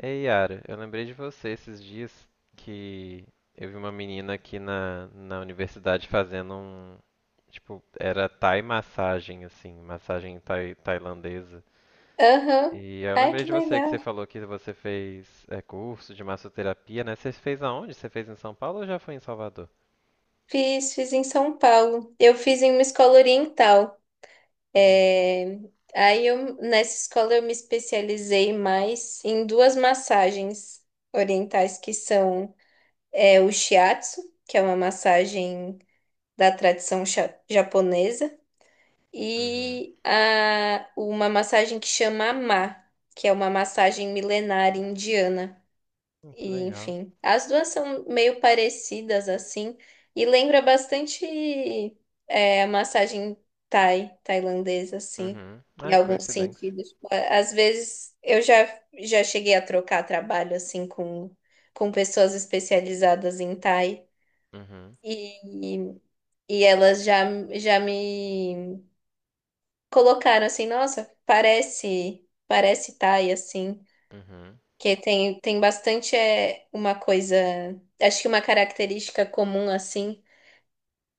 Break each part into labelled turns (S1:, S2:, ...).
S1: Ei, Yara, eu lembrei de você esses dias que eu vi uma menina aqui na universidade fazendo um, tipo, era Thai massagem, assim, massagem tailandesa.
S2: Aham.
S1: E aí eu
S2: Ai,
S1: lembrei
S2: que
S1: de você que você
S2: legal.
S1: falou que você fez curso de massoterapia, né? Você fez aonde? Você fez em São Paulo ou já foi em Salvador?
S2: Fiz em São Paulo. Eu fiz em uma escola oriental.
S1: Hum,
S2: É, Aí eu, nessa escola eu me especializei mais em duas massagens orientais que são o shiatsu, que é uma massagem da tradição japonesa,
S1: uhum.
S2: e uma massagem que chama Ma, que é uma massagem milenar indiana.
S1: Que
S2: E,
S1: legal.
S2: enfim, as duas são meio parecidas assim e lembra bastante a massagem thai, tailandesa assim,
S1: Uhum.
S2: em
S1: Ai,
S2: alguns
S1: coincidência.
S2: sentidos. Tipo, às vezes eu já cheguei a trocar trabalho assim com pessoas especializadas em thai
S1: Uhum.
S2: e elas já me colocaram assim, nossa, parece thai assim.
S1: Uhum.
S2: Que tem bastante, uma coisa. Acho que uma característica comum, assim,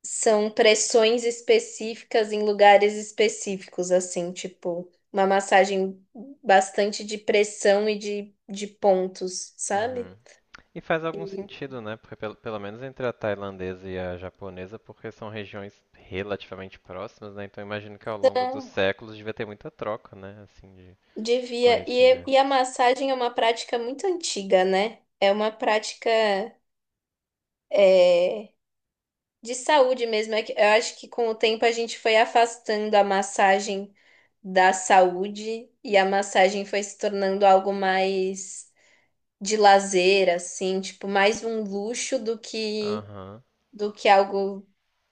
S2: são pressões específicas em lugares específicos, assim, tipo, uma massagem bastante de pressão e de pontos, sabe?
S1: Uhum. E faz algum sentido, né? Porque pelo menos entre a tailandesa e a japonesa, porque são regiões relativamente próximas, né? Então imagino que ao longo dos
S2: Então,
S1: séculos devia ter muita troca, né? Assim, de
S2: devia. E,
S1: conhecimento.
S2: e a massagem é uma prática muito antiga, né? É uma prática, é, de saúde mesmo. É que eu acho que com o tempo a gente foi afastando a massagem da saúde e a massagem foi se tornando algo mais de lazer, assim, tipo, mais um luxo do que
S1: Aham.
S2: do que algo,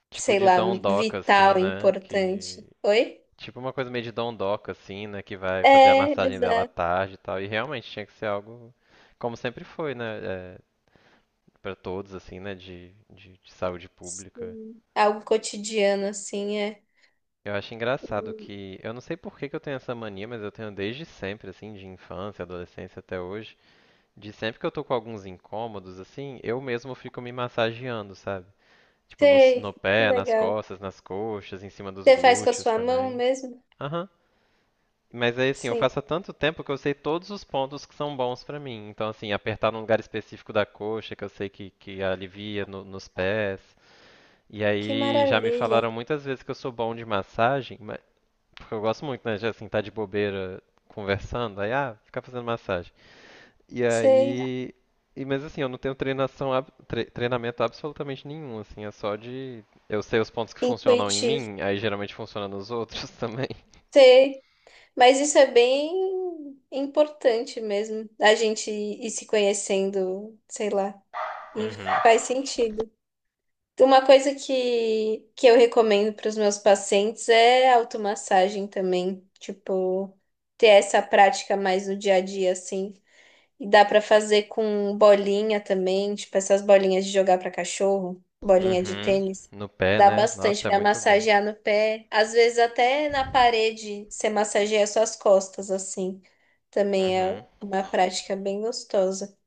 S1: Tipo
S2: sei
S1: de
S2: lá,
S1: dondoca, assim,
S2: vital,
S1: né? Que...
S2: importante. Oi?
S1: Tipo uma coisa meio de dondoca, assim, né? Que vai fazer a
S2: É,
S1: massagem dela à
S2: exato.
S1: tarde e tal. E realmente tinha que ser algo, como sempre foi, né? É, para todos, assim, né? De saúde pública.
S2: Sim. Algo cotidiano, assim, é.
S1: Eu acho engraçado
S2: Hum.
S1: que, eu não sei por que que eu tenho essa mania, mas eu tenho desde sempre, assim, de infância, adolescência até hoje, de sempre que eu tô com alguns incômodos, assim, eu mesmo fico me massageando, sabe? Tipo, no
S2: Sei, que
S1: pé, nas
S2: legal.
S1: costas, nas coxas, em cima dos
S2: Você faz com a
S1: glúteos
S2: sua mão
S1: também.
S2: mesmo?
S1: Aham. Mas aí, assim, eu
S2: Sim,
S1: faço há tanto tempo que eu sei todos os pontos que são bons pra mim. Então, assim, apertar num lugar específico da coxa, que eu sei que alivia nos pés. E
S2: que
S1: aí já me
S2: maravilha.
S1: falaram muitas vezes que eu sou bom de massagem, porque eu gosto muito, né, de assim, tá de bobeira conversando, aí, ah, ficar fazendo massagem. E
S2: Sei,
S1: aí. E, mas assim, eu não tenho treinação, treinamento absolutamente nenhum, assim, é só de. Eu sei os pontos que funcionam em
S2: intuitivo.
S1: mim, aí geralmente funciona nos outros também.
S2: Sei, mas isso é bem importante mesmo, a gente ir se conhecendo, sei lá, e
S1: Uhum.
S2: faz sentido. Uma coisa que eu recomendo para os meus pacientes é automassagem também, tipo, ter essa prática mais no dia a dia, assim. E dá pra fazer com bolinha também, tipo essas bolinhas de jogar pra cachorro, bolinha de
S1: Uhum.
S2: tênis.
S1: No pé,
S2: Dá
S1: né?
S2: bastante
S1: Nossa, é
S2: pra
S1: muito bom.
S2: massagear no pé. Às vezes até na parede você massageia suas costas assim. Também é
S1: Uhum.
S2: uma prática bem gostosa.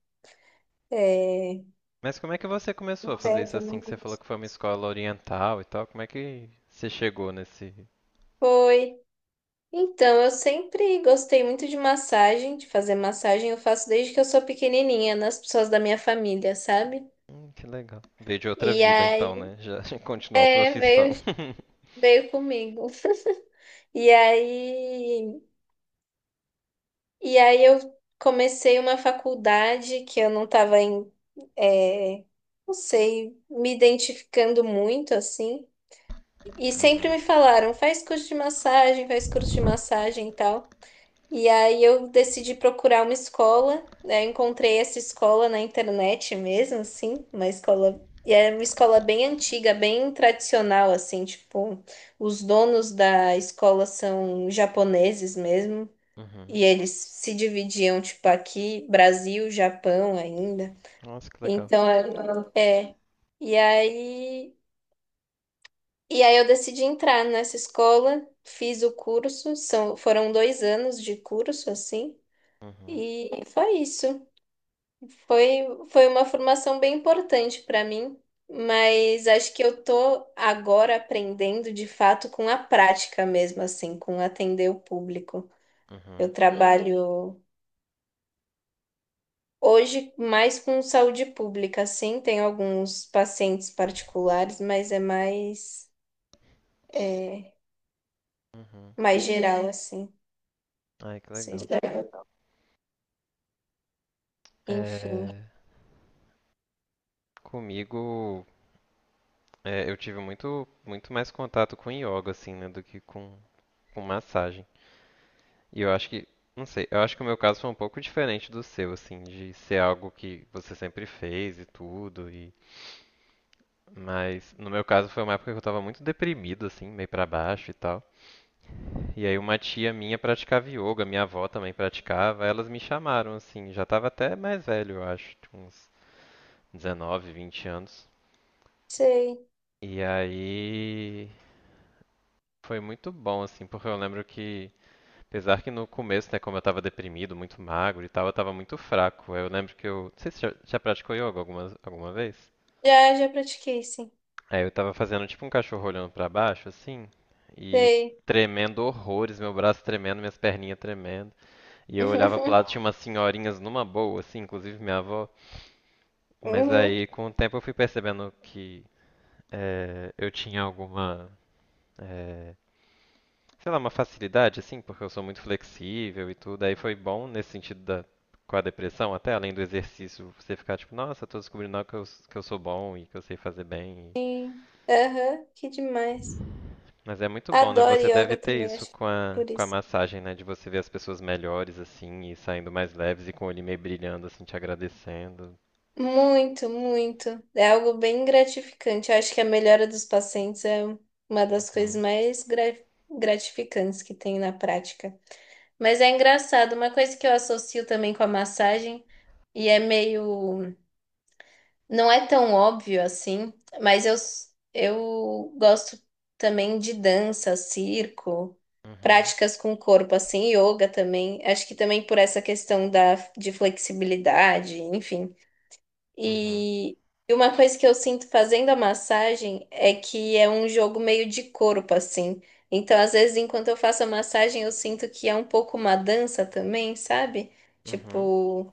S2: É,
S1: Mas como é que você começou
S2: no
S1: a fazer
S2: pé
S1: isso
S2: também.
S1: assim? Que você falou que foi uma escola oriental e tal. Como é que você chegou nesse.
S2: Foi. Então, eu sempre gostei muito de massagem, de fazer massagem. Eu faço desde que eu sou pequenininha, nas pessoas da minha família, sabe?
S1: Que legal. Veio de outra
S2: E
S1: vida então,
S2: aí,
S1: né? Já continuou a
S2: é,
S1: profissão.
S2: veio, veio comigo. E aí, e aí, eu comecei uma faculdade que eu não estava em, é, não sei, me identificando muito assim. E sempre me falaram, faz curso de massagem, faz curso de massagem e tal. E aí eu decidi procurar uma escola, né? Eu encontrei essa escola na internet mesmo, assim, uma escola. E é uma escola bem antiga, bem tradicional, assim, tipo, os donos da escola são japoneses mesmo.
S1: Uhum.
S2: E eles se dividiam, tipo, aqui, Brasil, Japão ainda.
S1: Nossa, que legal.
S2: Então, é. É. E aí, e aí, eu decidi entrar nessa escola, fiz o curso, foram 2 anos de curso, assim,
S1: Uhum.
S2: e foi isso. Foi uma formação bem importante para mim, mas acho que eu tô agora aprendendo de fato com a prática mesmo, assim, com atender o público. Eu,
S1: Uhum.
S2: uhum, trabalho. Hoje, mais com saúde pública, sim, tem alguns pacientes particulares, mas é é,
S1: Uhum.
S2: mais geral, assim.
S1: Ai, que
S2: Sei
S1: legal.
S2: lá. Enfim,
S1: É, comigo, é, eu tive muito mais contato com yoga, assim, né, do que com massagem. E eu acho que, não sei, eu acho que o meu caso foi um pouco diferente do seu, assim, de ser algo que você sempre fez e tudo. E, mas no meu caso foi uma época que eu tava muito deprimido, assim, meio pra baixo e tal. E aí uma tia minha praticava yoga, minha avó também praticava, elas me chamaram assim, já estava até mais velho, eu acho, tinha uns 19, 20 anos.
S2: sei.
S1: E aí foi muito bom assim, porque eu lembro que apesar que no começo, né, como eu estava deprimido, muito magro e tal, eu estava muito fraco. Aí eu lembro que eu, não sei se já praticou yoga alguma vez.
S2: Já, já pratiquei, sim.
S1: Aí eu tava fazendo tipo um cachorro olhando pra baixo assim, e
S2: Sei.
S1: tremendo horrores, meu braço tremendo, minhas perninhas tremendo. E eu olhava pro lado, tinha umas senhorinhas numa boa, assim, inclusive minha avó. Mas
S2: Uhum,
S1: aí, com o tempo, eu fui percebendo que eu tinha alguma, eh, sei lá, uma facilidade, assim, porque eu sou muito flexível e tudo. Aí foi bom nesse sentido da, com a depressão, até além do exercício, você ficar tipo, nossa, tô descobrindo algo que que eu sou bom e que eu sei fazer bem.
S2: sim. Aham, que demais.
S1: Mas é muito bom, né?
S2: Adoro
S1: Você deve
S2: yoga
S1: ter
S2: também,
S1: isso
S2: acho que por
S1: com a
S2: isso.
S1: massagem, né? De você ver as pessoas melhores, assim, e saindo mais leves e com o olho meio brilhando, assim, te agradecendo.
S2: Muito, muito. É algo bem gratificante. Eu acho que a melhora dos pacientes é uma das coisas
S1: Uhum.
S2: mais gratificantes que tem na prática. Mas é engraçado, uma coisa que eu associo também com a massagem, e é meio. Não é tão óbvio assim, mas eu gosto também de dança, circo,
S1: Uhum,
S2: práticas com o corpo, assim, yoga também. Acho que também por essa questão de flexibilidade, enfim.
S1: uhum,
S2: E e uma coisa que eu sinto fazendo a massagem é que é um jogo meio de corpo, assim. Então, às vezes, enquanto eu faço a massagem, eu sinto que é um pouco uma dança também, sabe?
S1: uhum.
S2: Tipo,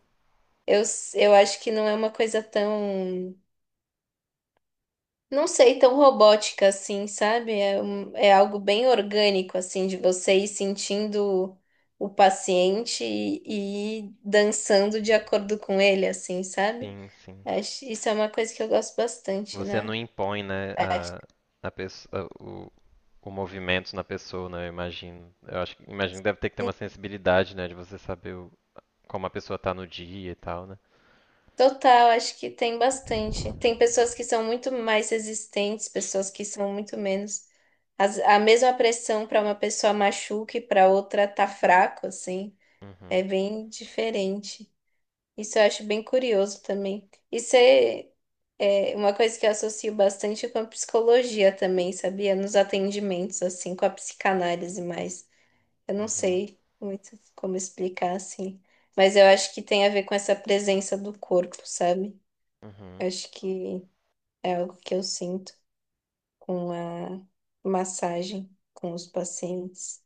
S2: eu acho que não é uma coisa tão, não sei, tão robótica assim, sabe? É algo bem orgânico, assim, de você ir sentindo o paciente e ir dançando de acordo com ele, assim, sabe?
S1: Sim, sim.
S2: Acho, isso é uma coisa que eu gosto bastante,
S1: Você não
S2: né?
S1: impõe, né,
S2: Acho que
S1: a pessoa, o movimento na pessoa, né? Eu imagino. Eu acho que imagino que deve ter que ter uma
S2: sim.
S1: sensibilidade, né, de você saber como a pessoa tá no dia e tal, né?
S2: Total, acho que tem bastante. Tem pessoas que são muito mais resistentes, pessoas que são muito menos. A mesma pressão para uma pessoa machuca e para outra tá fraco, assim.
S1: Uhum,
S2: É bem diferente. Isso eu acho bem curioso também. Isso é uma coisa que eu associo bastante com a psicologia também, sabia? Nos atendimentos, assim, com a psicanálise mais. Eu não
S1: uhum,
S2: sei muito como explicar assim, mas eu acho que tem a ver com essa presença do corpo, sabe?
S1: uhum.
S2: Acho que é algo que eu sinto com a massagem com os pacientes.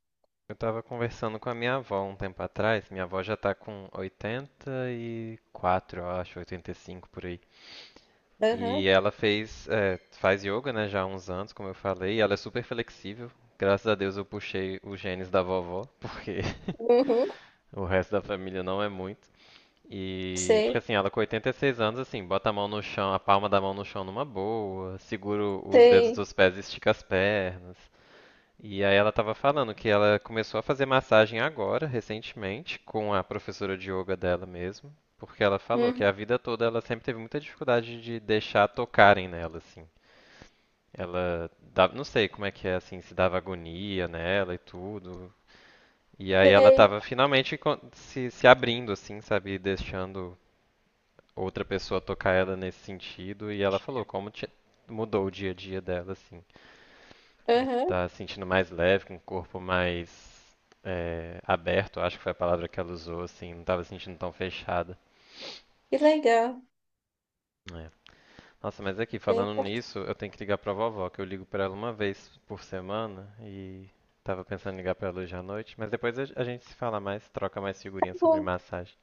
S1: Eu tava conversando com a minha avó um tempo atrás. Minha avó já tá com 84, eu acho, 85 por aí. E
S2: Aham,
S1: ela fez, é, faz yoga, né, já há uns anos, como eu falei, e ela é super flexível. Graças a Deus eu puxei os genes da vovó, porque
S2: uhum,
S1: o resto da família não é muito. E porque
S2: sei,
S1: assim, ela com 86 anos, assim, bota a mão no chão, a palma da mão no chão numa boa, segura os dedos
S2: sei,
S1: dos pés e estica as pernas. E aí ela estava falando que ela começou a fazer massagem agora, recentemente, com a professora de yoga dela mesmo, porque ela falou que
S2: uhum,
S1: a vida toda ela sempre teve muita dificuldade de deixar tocarem nela, assim. Ela dava, não sei como é que é, assim, se dava agonia nela e tudo. E aí ela
S2: sei,
S1: estava finalmente se abrindo, assim, sabe, deixando outra pessoa tocar ela nesse sentido. E ela falou como mudou o dia a dia dela, assim. De
S2: aham,
S1: estar se sentindo mais leve, com o corpo mais é, aberto, acho que foi a palavra que ela usou, assim, não estava se sentindo tão fechada.
S2: que legal.
S1: É. Nossa, mas aqui,
S2: Bem,
S1: falando
S2: tá
S1: nisso, eu tenho que ligar pra vovó, que eu ligo pra ela 1 vez por semana e tava pensando em ligar pra ela hoje à noite, mas depois a gente se fala mais, troca mais figurinhas sobre
S2: bom,
S1: massagem.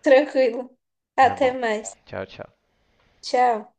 S2: tranquilo.
S1: Tá
S2: Até
S1: bom.
S2: mais.
S1: Tchau, tchau.
S2: Tchau.